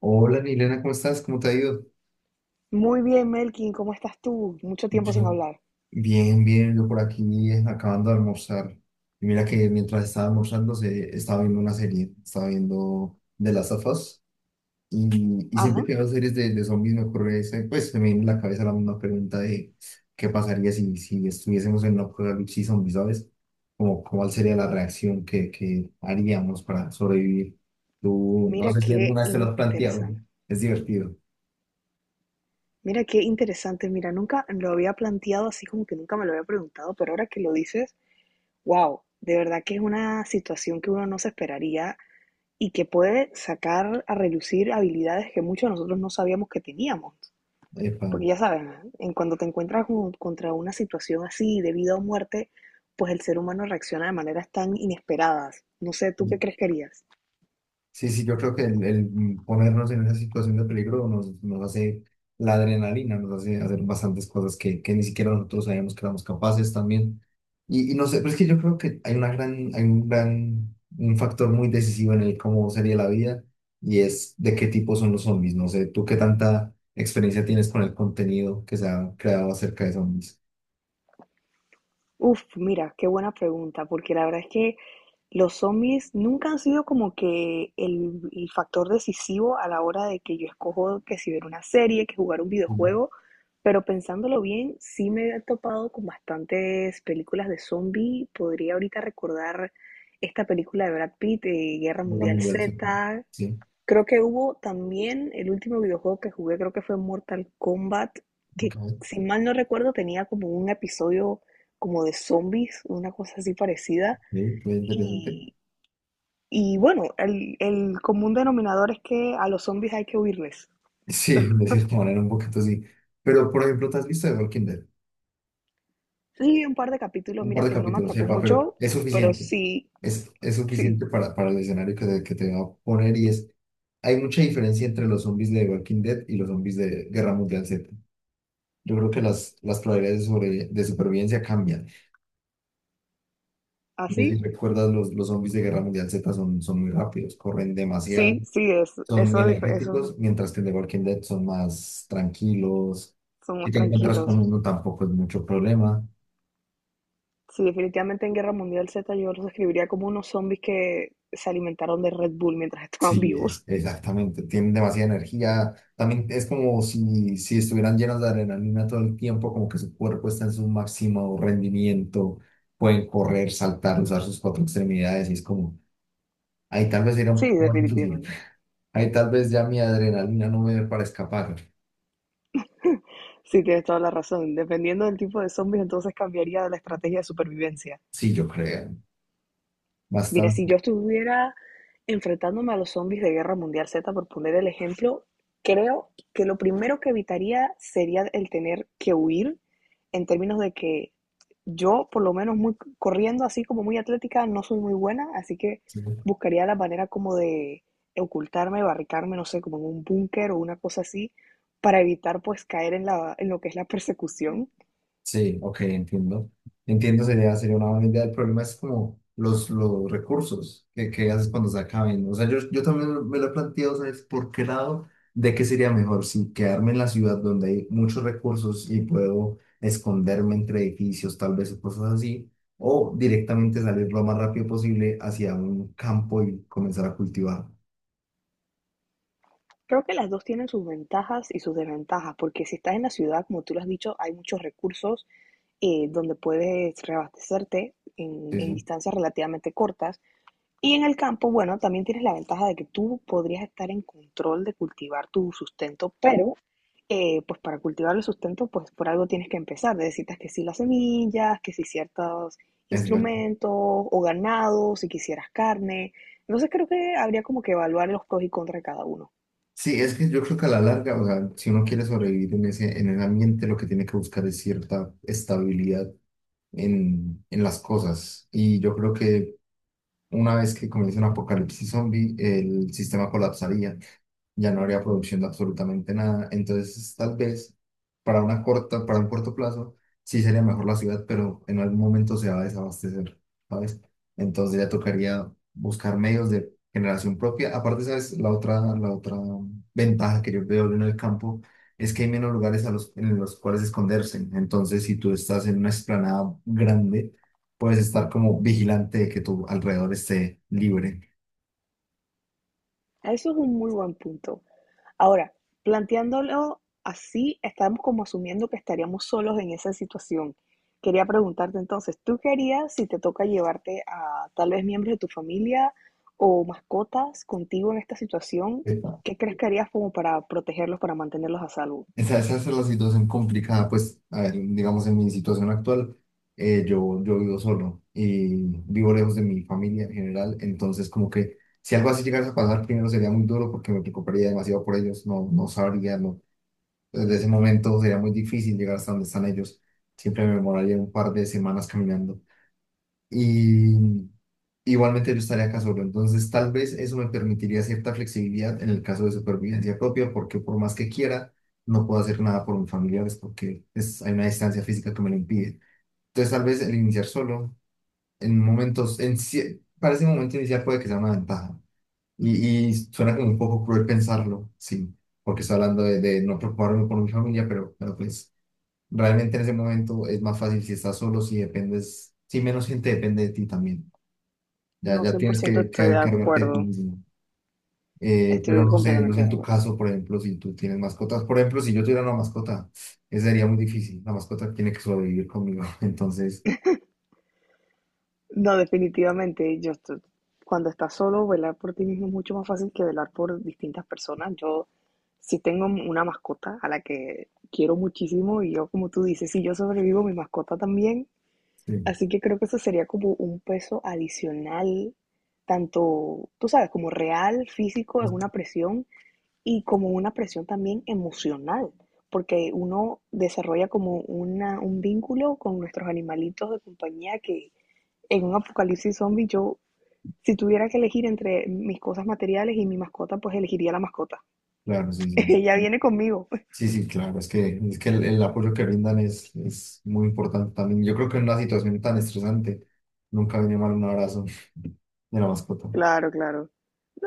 Hola, Milena, ¿cómo estás? ¿Cómo te ha ido? Muy bien, Melkin, ¿cómo estás tú? Mucho tiempo sin Yo, hablar. bien, bien, yo por aquí acabando de almorzar. Y mira que mientras estaba almorzando estaba viendo una serie, estaba viendo de las of Us, y siempre Ajá, que veo series de zombies me ocurre, pues se me viene en la cabeza la misma pregunta de qué pasaría si estuviésemos en una apocalipsis zombie, ¿sabes? Como, ¿cuál sería la reacción que haríamos para sobrevivir? Tú, no mira sé si qué alguna vez te lo has planteado, ¿no? interesante. Es divertido. Mira qué interesante. Mira, nunca lo había planteado así como que nunca me lo había preguntado, pero ahora que lo dices, wow, de verdad que es una situación que uno no se esperaría y que puede sacar a relucir habilidades que muchos de nosotros no sabíamos que teníamos. Epa. Porque ya sabes, en cuando te encuentras con- contra una situación así de vida o muerte, pues el ser humano reacciona de maneras tan inesperadas. No sé, ¿tú qué crees que harías? Sí, sí, yo creo que el ponernos en esa situación de peligro nos hace la adrenalina, nos hace hacer bastantes cosas que ni siquiera nosotros sabíamos que éramos capaces también. Y no sé, pero es que yo creo que hay una gran, hay un gran, un factor muy decisivo en el cómo sería la vida y es de qué tipo son los zombies. No sé, tú qué tanta experiencia tienes con el contenido que se ha creado acerca de zombies. Uf, mira, qué buena pregunta, porque la verdad es que los zombies nunca han sido como que el factor decisivo a la hora de que yo escojo que si ver una serie, que jugar un Mm. videojuego, pero pensándolo bien, sí me he topado con bastantes películas de zombie. Podría ahorita recordar esta película de Brad Pitt, Guerra Mundial Hablamos de eso. Z. Sí, Creo que hubo también el último videojuego que jugué, creo que fue Mortal Kombat, ok, que si mal no recuerdo tenía como un episodio como de zombies, una cosa así parecida. sí, muy interesante. Y, y bueno, el común denominador es que a los zombies hay que huirles. Sí, de cierta manera, un poquito sí. Pero, por ejemplo, ¿te has visto The Walking Dead? Sí, un par de capítulos, Un par mira de que no me capítulos, atrapó sepa, pero mucho, es pero suficiente. sí, Es suficiente sí, para el escenario que te va a poner y es... Hay mucha diferencia entre los zombies de The Walking Dead y los zombies de Guerra Mundial Z. Yo creo que las probabilidades de supervivencia cambian. No sé así, si recuerdas, los zombies de Guerra Mundial Z son muy rápidos, corren demasiado, sí, sí, son muy esos energéticos, mientras que en The Walking Dead son más tranquilos. son Si más te encuentras con tranquilos. uno tampoco es mucho problema. Sí, definitivamente en Guerra Mundial Z yo los describiría como unos zombies que se alimentaron de Red Bull mientras estaban Sí, es, vivos. exactamente, tienen demasiada energía. También es como si estuvieran llenos de adrenalina todo el tiempo, como que su cuerpo está en su máximo rendimiento, pueden correr, saltar, usar sus cuatro extremidades y es como, ahí tal vez era un Sí, poco más difícil, definitivamente. ahí tal vez ya mi adrenalina no me dé para escapar. Sí, tienes toda la razón. Dependiendo del tipo de zombies, entonces cambiaría la estrategia de supervivencia. Sí, yo creo, Mira, bastante. si yo estuviera enfrentándome a los zombies de Guerra Mundial Z, por poner el ejemplo, creo que lo primero que evitaría sería el tener que huir en términos de que yo, por lo menos muy corriendo así como muy atlética, no soy muy buena, así que Sí. buscaría la manera como de ocultarme, barricarme, no sé, como en un búnker o una cosa así, para evitar pues caer en en lo que es la persecución. Sí, ok, entiendo. Entiendo, sería, sería una buena idea. El problema es como los recursos que haces cuando se acaben. O sea, yo también me lo he planteado, ¿sabes? ¿Por qué lado? ¿De qué sería mejor? Si quedarme en la ciudad donde hay muchos recursos y puedo esconderme entre edificios, tal vez, o cosas así, o directamente salir lo más rápido posible hacia un campo y comenzar a cultivar. Creo que las 2 tienen sus ventajas y sus desventajas, porque si estás en la ciudad, como tú lo has dicho, hay muchos recursos donde puedes reabastecerte en Eso distancias relativamente cortas. Y en el campo, bueno, también tienes la ventaja de que tú podrías estar en control de cultivar tu sustento, pero pues para cultivar el sustento, pues por algo tienes que empezar. Necesitas que sí las semillas, que sí ciertos es verdad. instrumentos o ganado, si quisieras carne. Entonces creo que habría como que evaluar los pros y contras de cada uno. Sí, es que yo creo que a la larga, o sea, si uno quiere sobrevivir en ese ambiente, lo que tiene que buscar es cierta estabilidad en las cosas. Y yo creo que una vez que comience un apocalipsis zombie, el sistema colapsaría, ya no habría producción de absolutamente nada. Entonces, tal vez para una corta, para un corto plazo, sí sería mejor la ciudad, pero en algún momento se va a desabastecer, ¿sabes? Entonces ya tocaría buscar medios de generación propia. Aparte, ¿sabes? La otra ventaja que yo veo en el campo es que hay menos lugares a los, en los cuales esconderse. Entonces, si tú estás en una explanada grande, puedes estar como vigilante de que tu alrededor esté libre. Eso es un muy buen punto. Ahora, planteándolo así, estamos como asumiendo que estaríamos solos en esa situación. Quería preguntarte entonces, ¿tú qué harías si te toca llevarte a tal vez miembros de tu familia o mascotas contigo en esta situación? ¿Qué crees que harías como para protegerlos, para mantenerlos a salvo? Esa es la situación complicada, pues, a ver, digamos, en mi situación actual, yo, yo vivo solo y vivo lejos de mi familia en general, entonces como que si algo así llegase a pasar, primero sería muy duro porque me preocuparía demasiado por ellos, no, no sabría, no. Desde ese momento sería muy difícil llegar hasta donde están ellos, siempre me demoraría un par de semanas caminando. Y igualmente yo estaría acá solo, entonces tal vez eso me permitiría cierta flexibilidad en el caso de supervivencia propia, porque por más que quiera, no puedo hacer nada por mis familiares porque es, hay una distancia física que me lo impide. Entonces tal vez el iniciar solo, en momentos, para ese momento inicial puede que sea una ventaja. Y suena como un poco cruel pensarlo, sí, porque estoy hablando de no preocuparme por mi familia, pero pues realmente en ese momento es más fácil si estás solo, si dependes, si menos gente depende de ti también. Ya, No, ya cien por tienes ciento que estoy de encargarte de ti acuerdo. mismo. Pero Estoy no sé, no sé completamente en de tu acuerdo. caso, por ejemplo, si tú tienes mascotas. Por ejemplo, si yo tuviera una mascota, eso sería muy difícil. La mascota tiene que sobrevivir conmigo. Entonces, No, definitivamente, cuando estás solo, velar por ti mismo es mucho más fácil que velar por distintas personas. Yo sí tengo una mascota a la que quiero muchísimo y yo, como tú dices, si yo sobrevivo, mi mascota también. sí, Así que creo que eso sería como un peso adicional, tanto, tú sabes, como real, físico, es una presión y como una presión también emocional, porque uno desarrolla como una, un vínculo con nuestros animalitos de compañía que en un apocalipsis zombie, yo, si tuviera que elegir entre mis cosas materiales y mi mascota, pues elegiría la mascota. claro, sí, Ella sí. viene conmigo. Sí, sí, claro, es que el apoyo que brindan es muy importante también. Yo creo que en una situación tan estresante nunca viene mal un abrazo de la mascota. Claro, claro.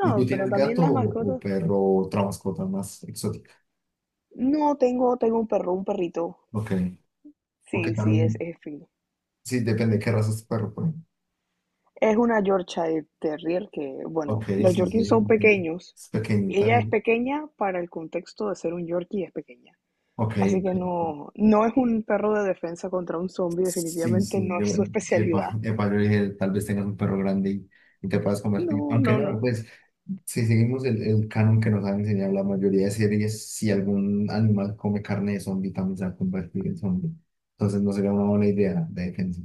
¿Y tú pero tienes también gato las o mascotas. perro o otra mascota más exótica? No, tengo, tengo un perro, un perrito. Ok, ok, Sí, sí, también, es fino. sí, depende de qué raza es tu perro. Es una Yorkshire Terrier que, Ok, bueno, los sí, Yorkies sí, son entiendo. pequeños. Es pequeñita, Ella es sí. pequeña para el contexto de ser un Yorkie, es pequeña. Ok, Así que ok. no, no es un perro de defensa contra un zombie, Sí, definitivamente sí, no yo, es su especialidad. epa, epa, yo dije, tal vez tengas un perro grande y te puedas convertir. No, Aunque no, no, no. pues, si seguimos el canon que nos han enseñado la mayoría de series, si algún animal come carne de zombie, también se va a convertir en zombie. Entonces no sería una buena idea de defensa.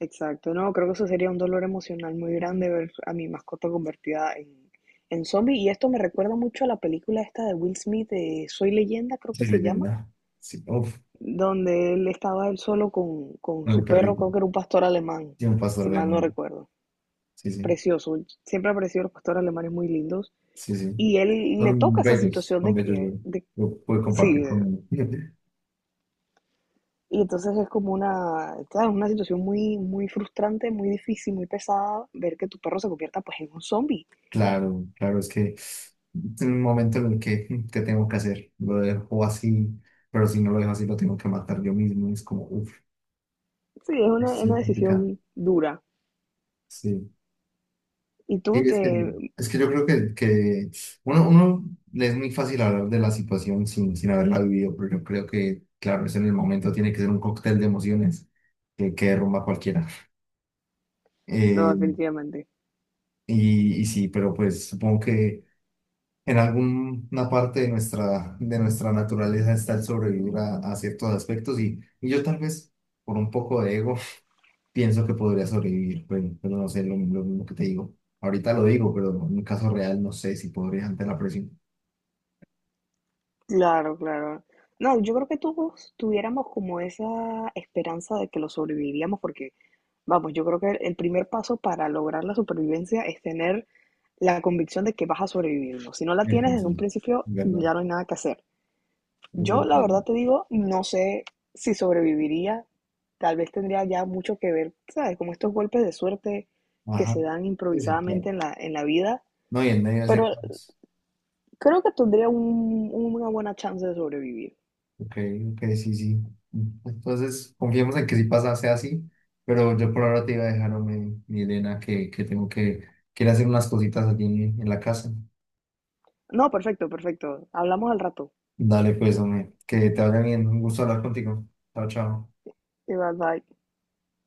Exacto, no, creo que eso sería un dolor emocional muy grande ver a mi mascota convertida en zombie. Y esto me recuerda mucho a la película esta de Will Smith de Soy Leyenda, creo que Sí, se llama, leyenda. Sí, uff, donde él estaba él solo con el su perro, perrito. creo que era un pastor alemán, Sí, un pastor si de mal no vegano. recuerdo. Sí, sí, Precioso, siempre ha parecido los pastores alemanes muy lindos. sí, sí. Y él le toca esa situación Son de bellos, yo, que, de, yo pude sí, compartir con de- uno. y entonces es como una, ¿sabes? Una situación muy, muy frustrante, muy difícil, muy pesada ver que tu perro se convierta pues en un zombie. Claro, claro, es que en un momento en el que, mm, ¿qué tengo que hacer? Lo dejo así, pero si no lo dejo así, lo tengo que matar yo mismo. Es como, uff, Sí, es es una complicado. decisión dura. Sí. Y tú Y te... es que yo creo que uno, uno le es muy fácil hablar de la situación sin, sin haberla vivido, pero yo creo que, claro, es en el momento, tiene que ser un cóctel de emociones que derrumba a cualquiera. No, Eh, definitivamente. y sí, pero pues supongo que. En alguna parte de nuestra naturaleza está el sobrevivir a ciertos aspectos y yo tal vez por un poco de ego pienso que podría sobrevivir, pero no sé, lo mismo que te digo. Ahorita lo digo, pero en un caso real no sé si podría ante la presión. Claro, claro. No, yo creo que todos tuviéramos como esa esperanza de que lo sobreviviríamos porque, vamos, yo creo que el primer paso para lograr la supervivencia es tener la convicción de que vas a sobrevivir. ¿No? Si no la tienes desde Entonces, un principio, ¿verdad? ya no hay nada que hacer. Es Yo, la verdad. verdad te digo, no sé si sobreviviría. Tal vez tendría ya mucho que ver, ¿sabes? Como estos golpes de suerte que se Ajá. dan Sí, sí, claro. improvisadamente en en la vida. No, y en medio de ese Pero caos. creo que tendría una buena chance de sobrevivir. Ok, ok, sí, sí. Entonces, confiemos en que si pasa, sea así, pero yo por ahora te iba a dejar, hombre, mi Elena, que tengo que ir a hacer unas cositas allí en la casa. No, perfecto, perfecto. Hablamos al rato. Dale, pues, hombre, que te vaya bien. Un gusto hablar contigo. Chao, chao. Y bye bye.